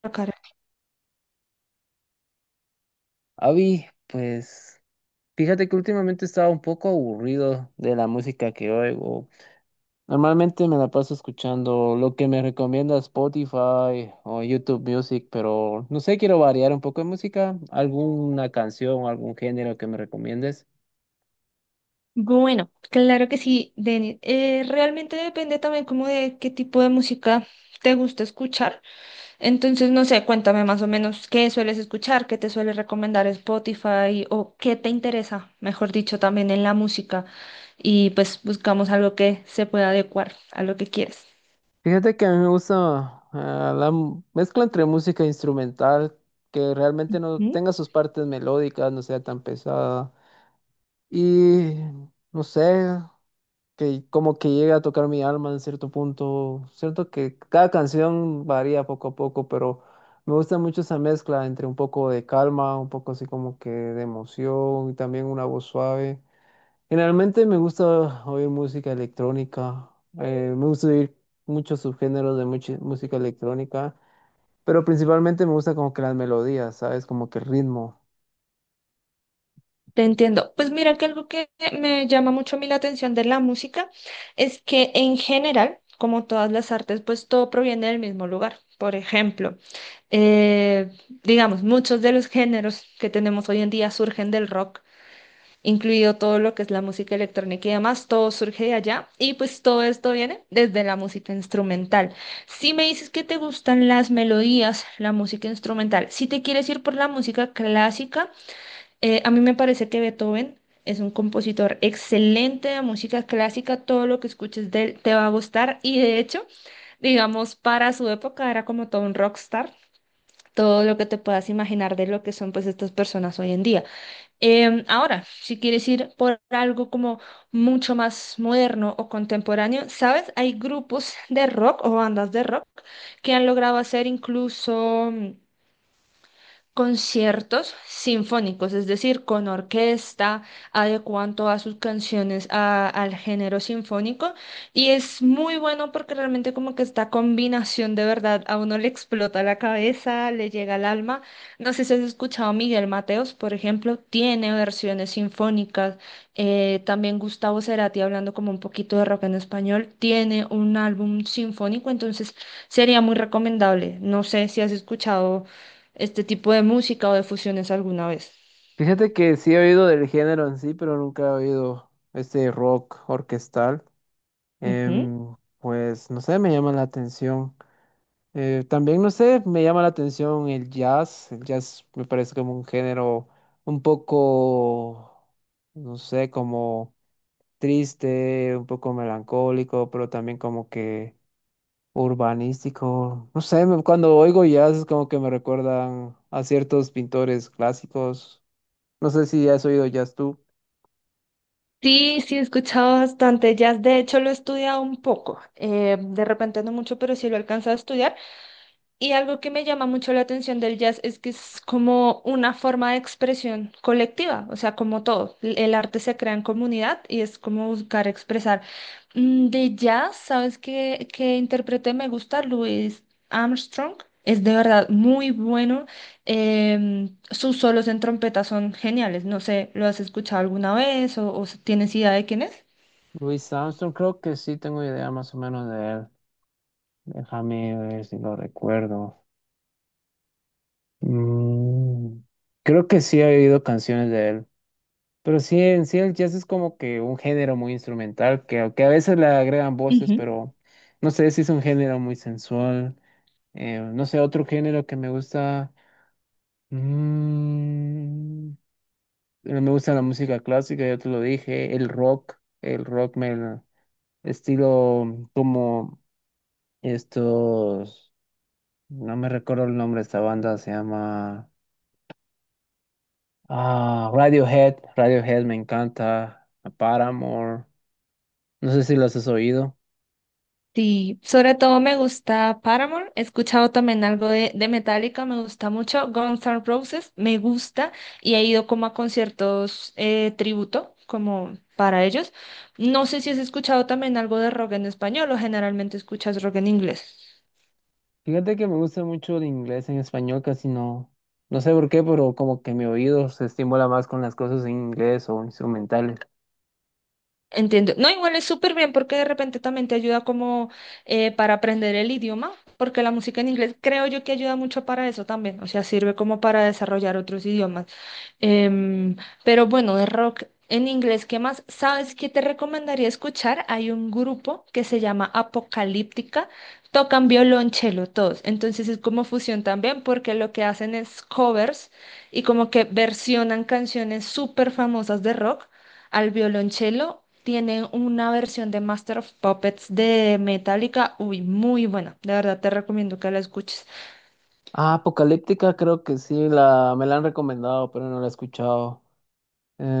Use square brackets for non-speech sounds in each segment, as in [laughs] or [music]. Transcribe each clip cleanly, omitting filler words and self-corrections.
Tocar. Avi, pues fíjate que últimamente estaba un poco aburrido de la música que oigo. Normalmente me la paso escuchando lo que me recomienda Spotify o YouTube Music, pero no sé, quiero variar un poco de música, alguna canción, algún género que me recomiendes. Bueno, claro que sí, Denis. Realmente depende también como de qué tipo de música te gusta escuchar. Entonces, no sé, cuéntame más o menos qué sueles escuchar, qué te suele recomendar Spotify o qué te interesa, mejor dicho, también en la música. Y pues buscamos algo que se pueda adecuar a lo que quieres. Fíjate que a mí me gusta la mezcla entre música instrumental, que realmente no ¿Mm? tenga sus partes melódicas, no sea tan pesada. Y no sé, que como que llega a tocar mi alma en cierto punto. Cierto que cada canción varía poco a poco, pero me gusta mucho esa mezcla entre un poco de calma, un poco así como que de emoción y también una voz suave. Generalmente me gusta oír música electrónica. Me gusta oír muchos subgéneros de música electrónica, pero principalmente me gusta como que las melodías, ¿sabes? Como que el ritmo. Te entiendo. Pues mira que algo que me llama mucho a mí la atención de la música es que en general, como todas las artes, pues todo proviene del mismo lugar. Por ejemplo, eh, digamos, muchos de los géneros que tenemos hoy en día surgen del rock, incluido todo lo que es la música electrónica y demás, todo surge de allá y pues todo esto viene desde la música instrumental. Si me dices que te gustan las melodías, la música instrumental, si te quieres ir por la música clásica, a mí me parece que Beethoven es un compositor excelente de música clásica, todo lo que escuches de él te va a gustar y, de hecho, digamos, para su época era como todo un rockstar, todo lo que te puedas imaginar de lo que son pues estas personas hoy en día. Ahora, si quieres ir por algo como mucho más moderno o contemporáneo, ¿sabes? Hay grupos de rock o bandas de rock que han logrado hacer incluso conciertos sinfónicos, es decir, con orquesta, adecuan todas sus canciones al género sinfónico y es muy bueno porque realmente como que esta combinación de verdad a uno le explota la cabeza, le llega al alma. No sé si has escuchado a Miguel Mateos, por ejemplo, tiene versiones sinfónicas. También Gustavo Cerati, hablando como un poquito de rock en español, tiene un álbum sinfónico, entonces sería muy recomendable. No sé si has escuchado este tipo de música o de fusiones alguna vez. Fíjate que sí he oído del género en sí, pero nunca he oído este rock orquestal. Ujú. Pues no sé, me llama la atención. También no sé, me llama la atención el jazz. El jazz me parece como un género un poco, no sé, como triste, un poco melancólico, pero también como que urbanístico. No sé, cuando oigo jazz es como que me recuerdan a ciertos pintores clásicos. No sé si has oído jazz tú. Sí, sí, he escuchado bastante jazz. De hecho, lo he estudiado un poco. De repente no mucho, pero sí lo he alcanzado a estudiar. Y algo que me llama mucho la atención del jazz es que es como una forma de expresión colectiva, o sea, como todo, el arte se crea en comunidad y es como buscar expresar. De jazz, ¿sabes qué, qué intérprete me gusta? Louis Armstrong. Es de verdad muy bueno. Sus solos en trompeta son geniales. No sé, ¿lo has escuchado alguna vez o tienes idea de quién es? Louis Armstrong, creo que sí tengo idea más o menos de él. Déjame ver si lo recuerdo. Mm, creo que sí he oído canciones de él, pero sí, en sí el jazz es como que un género muy instrumental, que, aunque a veces le agregan voces, pero no sé si es un género muy sensual. No sé, otro género que me gusta, mm, me gusta la música clásica, ya te lo dije, el rock. El rock me estilo como estos, no me recuerdo el nombre de esta banda, se llama... Ah, Radiohead, Radiohead me encanta, a Paramore, no sé si los has oído. Sí, sobre todo me gusta Paramore, he escuchado también algo de, Metallica, me gusta mucho, Guns N' Roses, me gusta y he ido como a conciertos tributo, como para ellos. No sé si has escuchado también algo de rock en español o generalmente escuchas rock en inglés. Fíjate que me gusta mucho el inglés en español, casi no, no sé por qué, pero como que mi oído se estimula más con las cosas en inglés o instrumentales. Entiendo. No, igual es súper bien porque de repente también te ayuda como para aprender el idioma, porque la música en inglés creo yo que ayuda mucho para eso también, o sea, sirve como para desarrollar otros idiomas. Em, pero bueno, de rock en inglés, ¿qué más? ¿Sabes qué te recomendaría escuchar? Hay un grupo que se llama Apocalíptica, tocan violonchelo todos, entonces es como fusión también porque lo que hacen es covers y como que versionan canciones súper famosas de rock al violonchelo. Tienen una versión de Master of Puppets de Metallica, uy, muy buena. De verdad te recomiendo que la escuches. Ah, Apocalíptica creo que sí, me la han recomendado, pero no la he escuchado.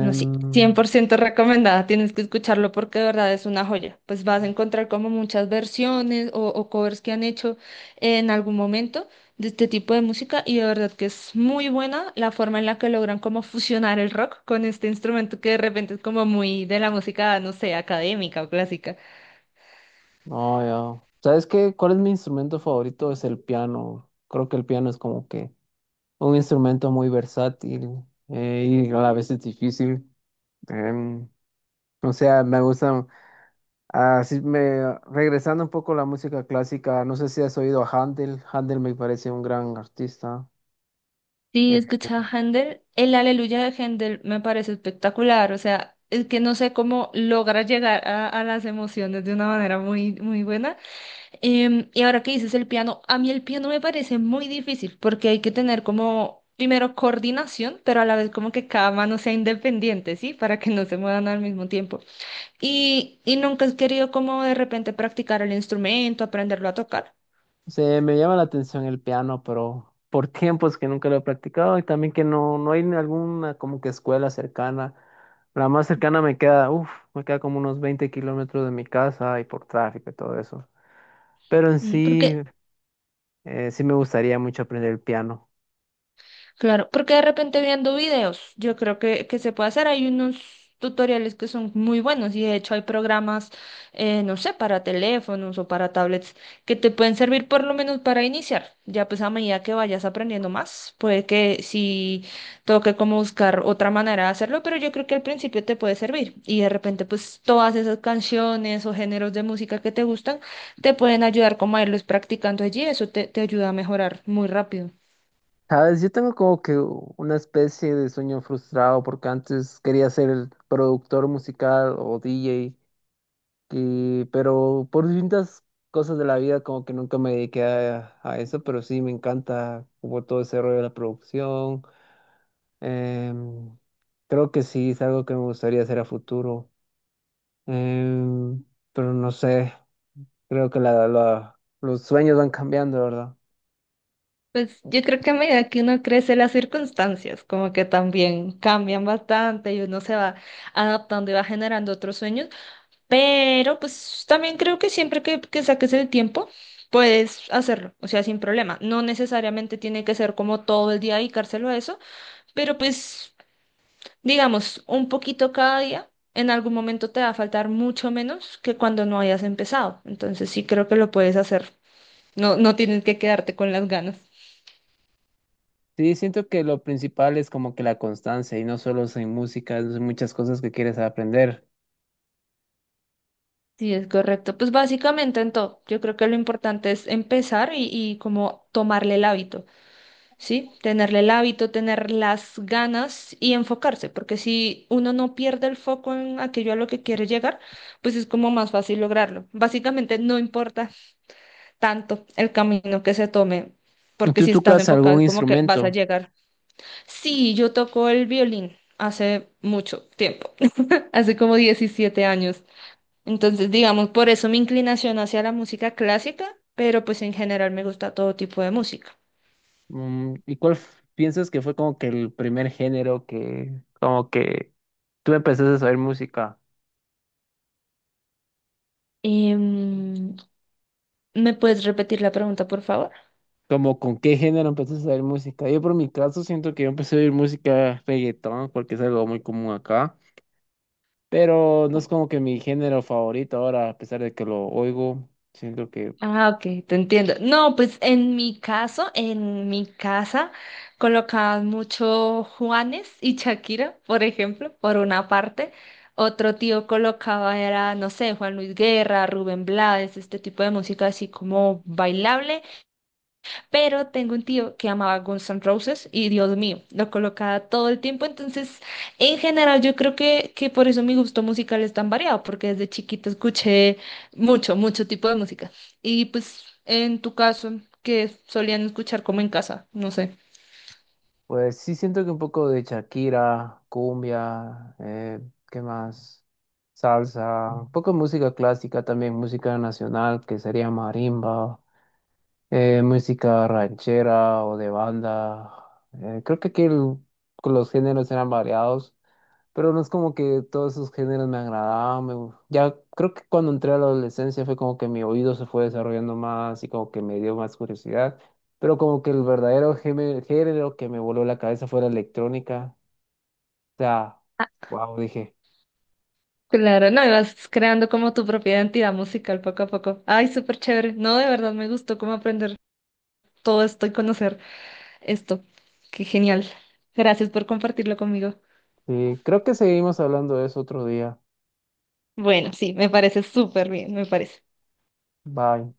No, sí, 100% recomendada. Tienes que escucharlo porque de verdad es una joya. Pues vas a encontrar como muchas versiones o covers que han hecho en algún momento de este tipo de música, y de verdad que es muy buena la forma en la que logran como fusionar el rock con este instrumento que de repente es como muy de la música, no sé, académica o clásica. no, ya. ¿Sabes qué? ¿Cuál es mi instrumento favorito? Es el piano. Creo que el piano es como que un instrumento muy versátil, y a la vez es difícil. Em, o sea, me gusta, así me, regresando un poco a la música clásica, no sé si has oído a Handel. Handel me parece un gran artista. Sí, Eh, escuchaba Handel, el Aleluya de Handel me parece espectacular, o sea, es que no sé cómo logra llegar a las emociones de una manera muy, muy buena. Y ahora que dices el piano, a mí el piano me parece muy difícil porque hay que tener como, primero, coordinación, pero a la vez como que cada mano sea independiente, ¿sí? Para que no se muevan al mismo tiempo. Y nunca has querido como de repente practicar el instrumento, aprenderlo a tocar. Se me llama la atención el piano, pero por [laughs] tiempos que nunca lo he practicado y también que no hay ni alguna como que escuela cercana. La más cercana me queda, uff, me queda como unos 20 kilómetros de mi casa y por tráfico y todo eso. Pero en Mm, sí, porque sí me gustaría mucho aprender el piano. Claro, porque de repente viendo videos, yo creo que se puede hacer. Hay unos tutoriales que son muy buenos y de hecho hay programas, no sé, para teléfonos o para tablets que te pueden servir por lo menos para iniciar. Ya pues a medida que vayas aprendiendo más, puede que si toque como buscar otra manera de hacerlo, pero yo creo que al principio te puede servir y de repente pues todas esas canciones o géneros de música que te gustan te pueden ayudar como a irlos practicando allí. Eso te ayuda a mejorar muy rápido. Sabes, yo tengo como que una especie de sueño frustrado porque antes quería ser el productor musical o DJ, pero por distintas cosas de la vida como que nunca me dediqué a eso, pero sí me encanta como todo ese rollo de la producción. Em, Creo que sí es algo que me gustaría hacer a futuro. Em, pero no sé, creo que los sueños van cambiando, ¿verdad? Pues yo creo que a medida que uno crece, las circunstancias como que también cambian bastante y uno se va adaptando y va generando otros sueños, pero pues también creo que siempre que saques el tiempo, puedes hacerlo, o sea, sin problema. No necesariamente tiene que ser como todo el día dedicárselo a eso, pero pues, digamos, un poquito cada día, en algún momento te va a faltar mucho menos que cuando no hayas empezado. Entonces sí creo que lo puedes hacer. No, no tienes que quedarte con las ganas. Sí, siento que lo principal es como que la constancia y no solo en música, es muchas cosas que quieres aprender. Sí, es correcto. Pues básicamente en todo, yo creo que lo importante es empezar y como tomarle el hábito, ¿sí? Tenerle el hábito, tener las ganas y enfocarse, porque si uno no pierde el foco en aquello a lo que quiere llegar, pues es como más fácil lograrlo. Básicamente no importa tanto el camino que se tome, ¿Y porque tú si estás tocas enfocado algún es como que vas a instrumento? llegar. Sí, yo toco el violín hace mucho tiempo, [laughs] hace como 17 años. Entonces, digamos, por eso mi inclinación hacia la música clásica, pero pues en general me gusta todo tipo de música. Mm, ¿y cuál piensas que fue como que el primer género que como que tú empezaste a saber música? Em, ¿me puedes repetir la pregunta, por favor? ¿Como con qué género empezaste a saber música? Yo por mi caso siento que yo empecé a oír música reggaetón porque es algo muy común acá, pero no es como que mi género favorito ahora, a pesar de que lo oigo, siento que... Ah, ok, te entiendo. No, pues en mi caso, en mi casa, colocaban mucho Juanes y Shakira, por ejemplo, por una parte. Otro tío colocaba era, no sé, Juan Luis Guerra, Rubén Blades, este tipo de música así como bailable. Pero tengo un tío que amaba Guns N' Roses y Dios mío, lo colocaba todo el tiempo. Entonces, en general, yo creo que por eso mi gusto musical es tan variado, porque desde chiquito escuché mucho, mucho tipo de música. Y pues, en tu caso, que solían escuchar como en casa? No sé. Pues sí siento que un poco de Shakira, cumbia. ¿Qué más? Salsa, un poco de música clásica también, música nacional que sería marimba, música ranchera o de banda. Creo que aquí los géneros eran variados. Pero no es como que todos esos géneros me agradaban. Ya creo que cuando entré a la adolescencia fue como que mi oído se fue desarrollando más y como que me dio más curiosidad. Pero como que el verdadero género que me voló la cabeza fue la electrónica. O sea, Ah, wow, dije. claro, no, ibas creando como tu propia identidad musical poco a poco. Ay, súper chévere. No, de verdad me gustó cómo aprender todo esto y conocer esto. Qué genial. Gracias por compartirlo conmigo. Sí, creo que seguimos hablando de eso otro día. Bueno, sí, me parece súper bien, me parece. Bye.